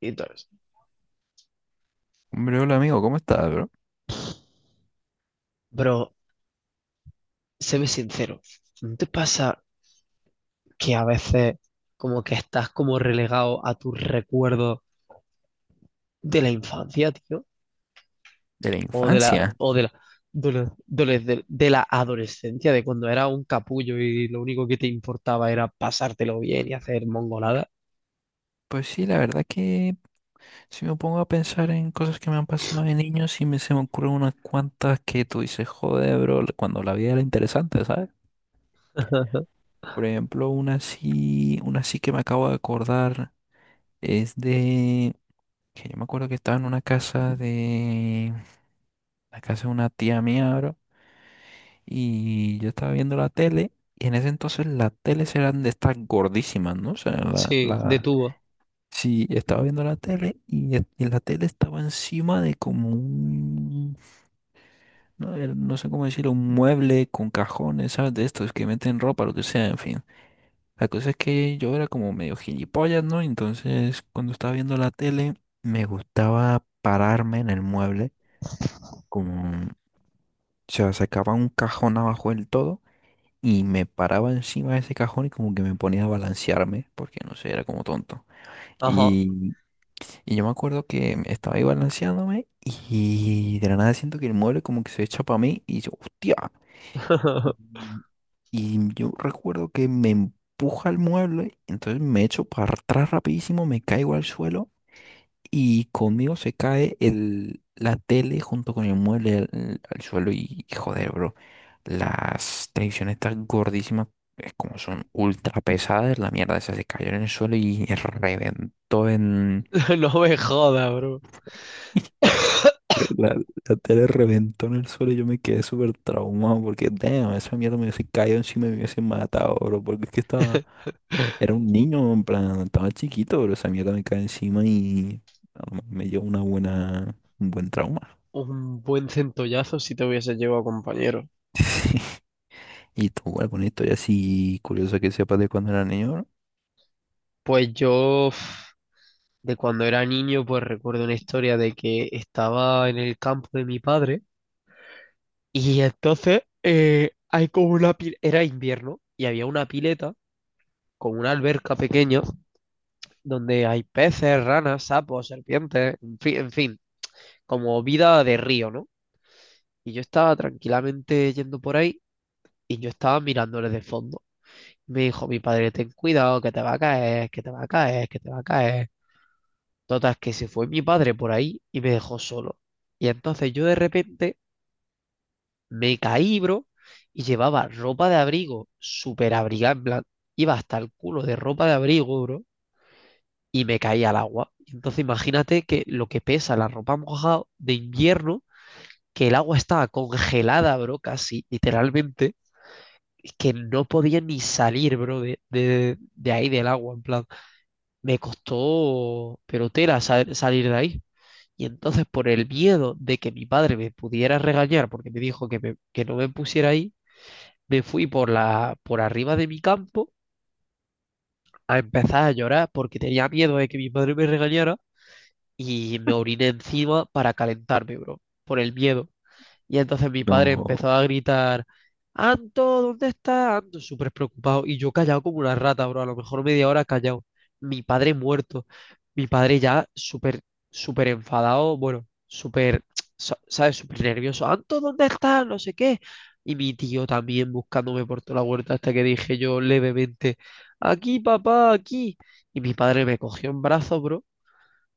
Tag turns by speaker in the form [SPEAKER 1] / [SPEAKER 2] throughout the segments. [SPEAKER 1] Y entonces,
[SPEAKER 2] Hombre, hola amigo, ¿cómo estás, bro?
[SPEAKER 1] bro, séme sincero, ¿no te pasa que a veces como que estás como relegado a tus recuerdos de la infancia, tío?
[SPEAKER 2] De la
[SPEAKER 1] O de la,
[SPEAKER 2] infancia.
[SPEAKER 1] o de la, de la adolescencia, de cuando era un capullo y lo único que te importaba era pasártelo bien y hacer mongolada.
[SPEAKER 2] Pues sí, la verdad que si me pongo a pensar en cosas que me han pasado de niño, sí me se me ocurren unas cuantas que tú dices, joder, bro, cuando la vida era interesante, ¿sabes? Por ejemplo, una sí que me acabo de acordar es de que yo me acuerdo que estaba en una casa de la casa de una tía mía, bro, y yo estaba viendo la tele y en ese entonces las teles eran de estas gordísimas, ¿no? O sea,
[SPEAKER 1] Sí, de tubo.
[SPEAKER 2] sí, estaba viendo la tele y, y la tele estaba encima de como no, no sé cómo decirlo, un mueble con cajones, ¿sabes? De estos que meten ropa, lo que sea, en fin. La cosa es que yo era como medio gilipollas, ¿no? Entonces, cuando estaba viendo la tele, me gustaba pararme en el mueble, como, o sea, sacaba un cajón abajo del todo y me paraba encima de ese cajón y como que me ponía a balancearme, porque no sé, era como tonto.
[SPEAKER 1] Ajá.
[SPEAKER 2] Y yo me acuerdo que estaba ahí balanceándome y de la nada siento que el mueble como que se echa para mí y yo, hostia. Y, y yo recuerdo que me empuja el mueble, entonces me echo para atrás rapidísimo, me caigo al suelo y conmigo se cae la tele junto con el mueble al suelo y joder, bro. Las televisiones tan gordísimas, es como son ultra pesadas, la mierda esa se cayó en el suelo y reventó en...
[SPEAKER 1] No me jodas, bro.
[SPEAKER 2] La, la tele reventó en el suelo y yo me quedé súper traumado porque, damn, esa mierda me hubiese caído encima y me hubiese matado, bro. Porque es que estaba, era un niño, en plan, estaba chiquito, bro. Esa mierda me cae encima y no, me dio un buen trauma.
[SPEAKER 1] Un buen centollazo si te hubiese llevado, compañero.
[SPEAKER 2] Y tú, bueno, historia así curiosa que sepas de cuando era niño, bro.
[SPEAKER 1] Pues yo... de cuando era niño, pues recuerdo una historia de que estaba en el campo de mi padre y entonces hay como una pileta, era invierno y había una pileta con una alberca pequeña donde hay peces, ranas, sapos, serpientes, en fin, como vida de río, ¿no? Y yo estaba tranquilamente yendo por ahí y yo estaba mirándoles de fondo. Me dijo mi padre, ten cuidado, que te va a caer, que te va a caer, que te va a caer. Total, que se fue mi padre por ahí y me dejó solo. Y entonces yo de repente me caí, bro, y llevaba ropa de abrigo súper abrigada, en plan, iba hasta el culo de ropa de abrigo, bro, y me caí al agua. Y entonces imagínate que lo que pesa la ropa mojada de invierno, que el agua estaba congelada, bro, casi, literalmente, y que no podía ni salir, bro, de ahí del agua, en plan, me costó, pero tela salir de ahí. Y entonces por el miedo de que mi padre me pudiera regañar porque me dijo que, que no me pusiera ahí, me fui por la, por arriba de mi campo a empezar a llorar porque tenía miedo de que mi padre me regañara y me oriné encima para calentarme, bro, por el miedo. Y entonces mi padre
[SPEAKER 2] No.
[SPEAKER 1] empezó a gritar, ¿Anto, dónde estás? Anto, súper preocupado. Y yo callado como una rata, bro, a lo mejor media hora callado. Mi padre muerto. Mi padre ya súper, súper enfadado, bueno, súper, ¿sabes? Súper nervioso. ¿Anto, dónde estás? No sé qué. Y mi tío también buscándome por toda la huerta hasta que dije yo levemente, aquí, papá, aquí. Y mi padre me cogió en brazos, bro,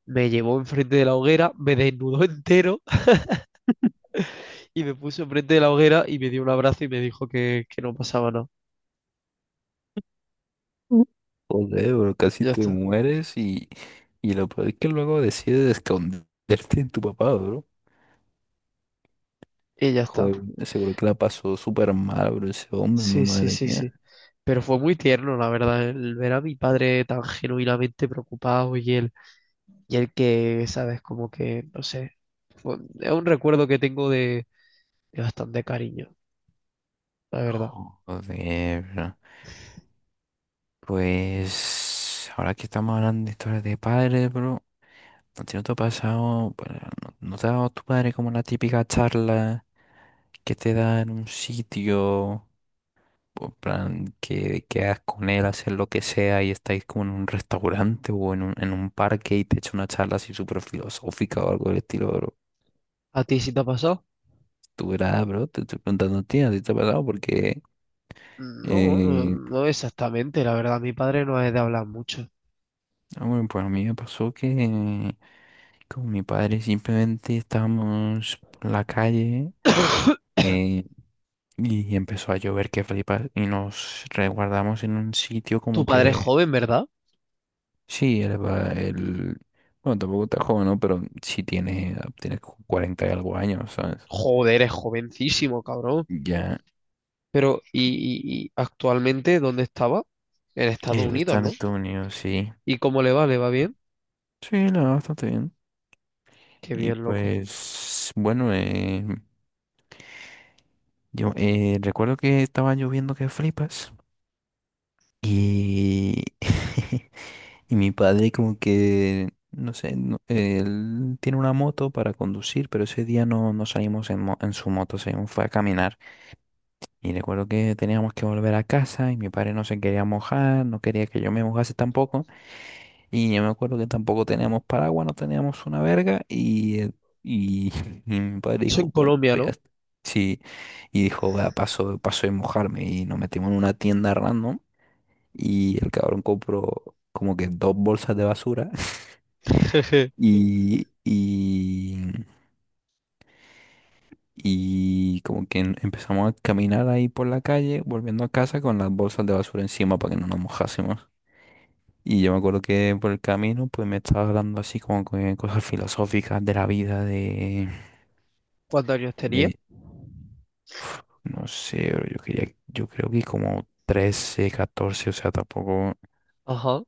[SPEAKER 1] me llevó enfrente de la hoguera, me desnudó entero y me puso enfrente de la hoguera y me dio un abrazo y me dijo que no pasaba nada.
[SPEAKER 2] Mm. Joder, bro, casi
[SPEAKER 1] Ya
[SPEAKER 2] te
[SPEAKER 1] está.
[SPEAKER 2] mueres y lo peor es que luego decides esconderte en tu papá.
[SPEAKER 1] Y ya está.
[SPEAKER 2] Joder, seguro que la pasó súper mal, bro, ese hombre,
[SPEAKER 1] Sí, sí,
[SPEAKER 2] madre
[SPEAKER 1] sí,
[SPEAKER 2] mía.
[SPEAKER 1] sí. Pero fue muy tierno, la verdad, el ver a mi padre tan genuinamente preocupado y él que, sabes, como que, no sé, es un recuerdo que tengo de bastante cariño, la verdad.
[SPEAKER 2] Joder, bro. Pues ahora que estamos hablando de historias de padres, bro, ¿a ti no te ha pasado, bueno, no, no te ha dado tu padre como la típica charla que te da en un sitio, en plan, que quedas con él a hacer lo que sea y estáis como en un restaurante o en en un parque y te echa una charla así súper filosófica o algo del estilo, bro?
[SPEAKER 1] ¿A ti sí te ha pasado?
[SPEAKER 2] Tú verás, bro, te estoy preguntando ¿a ti te ha pasado? Porque...
[SPEAKER 1] No, no,
[SPEAKER 2] Eh,
[SPEAKER 1] no exactamente, la verdad, mi padre no es de hablar mucho.
[SPEAKER 2] ah, bueno, pues a mí me pasó que con mi padre simplemente estábamos por la calle eh, y empezó a llover que flipas y nos resguardamos en un sitio
[SPEAKER 1] Tu
[SPEAKER 2] como
[SPEAKER 1] padre es
[SPEAKER 2] que
[SPEAKER 1] joven, ¿verdad?
[SPEAKER 2] sí, bueno, tampoco está joven, ¿no? Pero sí tiene como 40 y algo años, ¿sabes?
[SPEAKER 1] Joder, es jovencísimo, cabrón.
[SPEAKER 2] Ya,
[SPEAKER 1] Pero, y, ¿y actualmente dónde estaba? En Estados
[SPEAKER 2] él está
[SPEAKER 1] Unidos,
[SPEAKER 2] en
[SPEAKER 1] ¿no?
[SPEAKER 2] Estados Unidos, sí.
[SPEAKER 1] ¿Y cómo le va? ¿Le va bien?
[SPEAKER 2] Sí, la verdad, bastante bien.
[SPEAKER 1] Qué
[SPEAKER 2] Y
[SPEAKER 1] bien, loco.
[SPEAKER 2] pues, bueno, yo recuerdo que estaba lloviendo que flipas. Y, y mi padre como que, no sé, él tiene una moto para conducir, pero ese día no salimos en su moto, salimos, fue a caminar. Y recuerdo que teníamos que volver a casa y mi padre no se quería mojar, no quería que yo me mojase tampoco. Y yo me acuerdo que tampoco teníamos paraguas, no teníamos una verga. Y, y mi padre
[SPEAKER 1] Eso en
[SPEAKER 2] dijo, bueno,
[SPEAKER 1] Colombia,
[SPEAKER 2] pues
[SPEAKER 1] ¿no?
[SPEAKER 2] ya está. Sí, y dijo, va, paso de mojarme y nos metimos en una tienda random y el cabrón compró como que dos bolsas de basura y, y como que empezamos a caminar ahí por la calle, volviendo a casa con las bolsas de basura encima para que no nos mojásemos. Y yo me acuerdo que por el camino pues me estaba hablando así como que cosas filosóficas de la vida, de,
[SPEAKER 1] ¿Cuántos años tenía?
[SPEAKER 2] de no sé, bro, yo quería, yo creo que como 13 14 o sea, tampoco...
[SPEAKER 1] Ajá,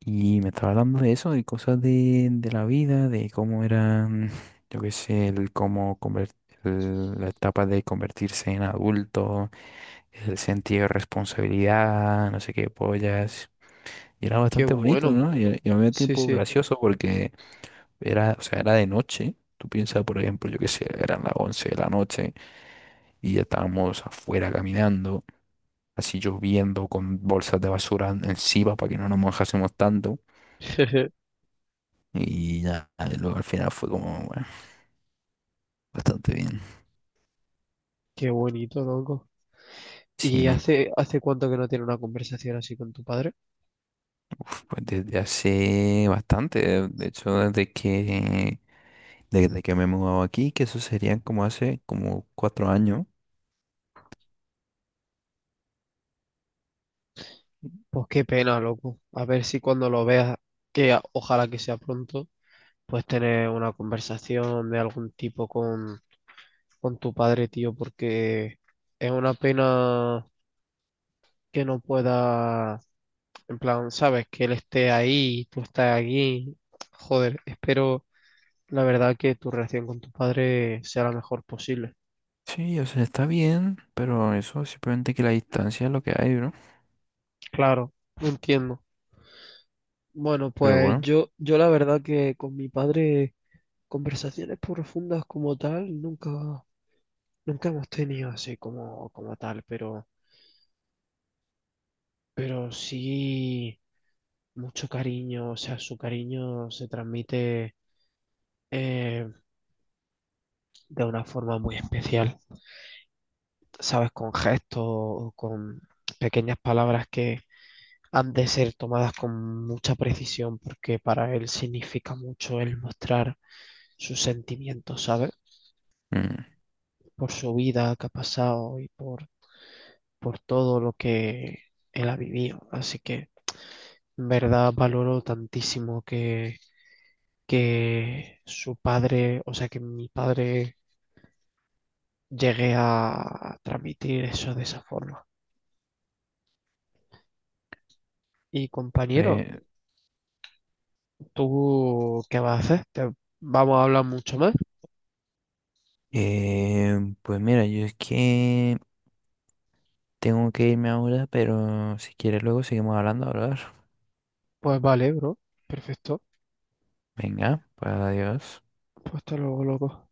[SPEAKER 2] Y me estaba hablando de eso, de cosas de la vida, de cómo eran, yo qué sé, el cómo conver- el- la etapa de convertirse en adulto, el sentido de responsabilidad, no sé qué pollas. Y era
[SPEAKER 1] qué
[SPEAKER 2] bastante bonito,
[SPEAKER 1] bueno.
[SPEAKER 2] ¿no? Y a mí me
[SPEAKER 1] Sí,
[SPEAKER 2] tiempo
[SPEAKER 1] sí.
[SPEAKER 2] gracioso porque era, o sea, era de noche. Tú piensas, por ejemplo, yo qué sé, eran las 11 de la noche y ya estábamos afuera caminando, así lloviendo con bolsas de basura encima para que no nos mojásemos tanto. Y ya, luego al final fue como, bueno, bastante bien.
[SPEAKER 1] Qué bonito, loco. ¿Y
[SPEAKER 2] Sí,
[SPEAKER 1] hace, hace cuánto que no tiene una conversación así con tu padre?
[SPEAKER 2] uf, pues desde hace bastante, de hecho, desde que me he mudado aquí, que eso serían como hace como 4 años.
[SPEAKER 1] Pues qué pena, loco. A ver si cuando lo veas, ojalá que sea pronto, pues tener una conversación de algún tipo con tu padre, tío, porque es una pena que no pueda, en plan, sabes, que él esté ahí, tú estás aquí. Joder, espero la verdad que tu relación con tu padre sea la mejor posible.
[SPEAKER 2] Sí, o sea, está bien, pero eso simplemente que la distancia es lo que hay, ¿no?
[SPEAKER 1] Claro, lo entiendo. Bueno,
[SPEAKER 2] Pero
[SPEAKER 1] pues
[SPEAKER 2] bueno,
[SPEAKER 1] yo la verdad que con mi padre conversaciones profundas como tal nunca, nunca hemos tenido así como, como tal, pero sí mucho cariño, o sea, su cariño se transmite. eh, de una forma muy especial, ¿sabes? Con gestos o con pequeñas palabras que han de ser tomadas con mucha precisión porque para él significa mucho el mostrar sus sentimientos, ¿sabes?
[SPEAKER 2] mm,
[SPEAKER 1] Por su vida que ha pasado y por todo lo que él ha vivido. Así que, en verdad, valoro tantísimo que su padre, o sea, que mi padre llegué a transmitir eso de esa forma. Y compañero,
[SPEAKER 2] pues,
[SPEAKER 1] ¿tú qué vas a hacer? ¿Te vamos a hablar mucho más?
[SPEAKER 2] pues mira, yo es que tengo que irme ahora, pero si quieres luego seguimos hablando, hablar.
[SPEAKER 1] Pues vale, bro. Perfecto.
[SPEAKER 2] Venga, pues adiós.
[SPEAKER 1] Pues hasta luego, loco.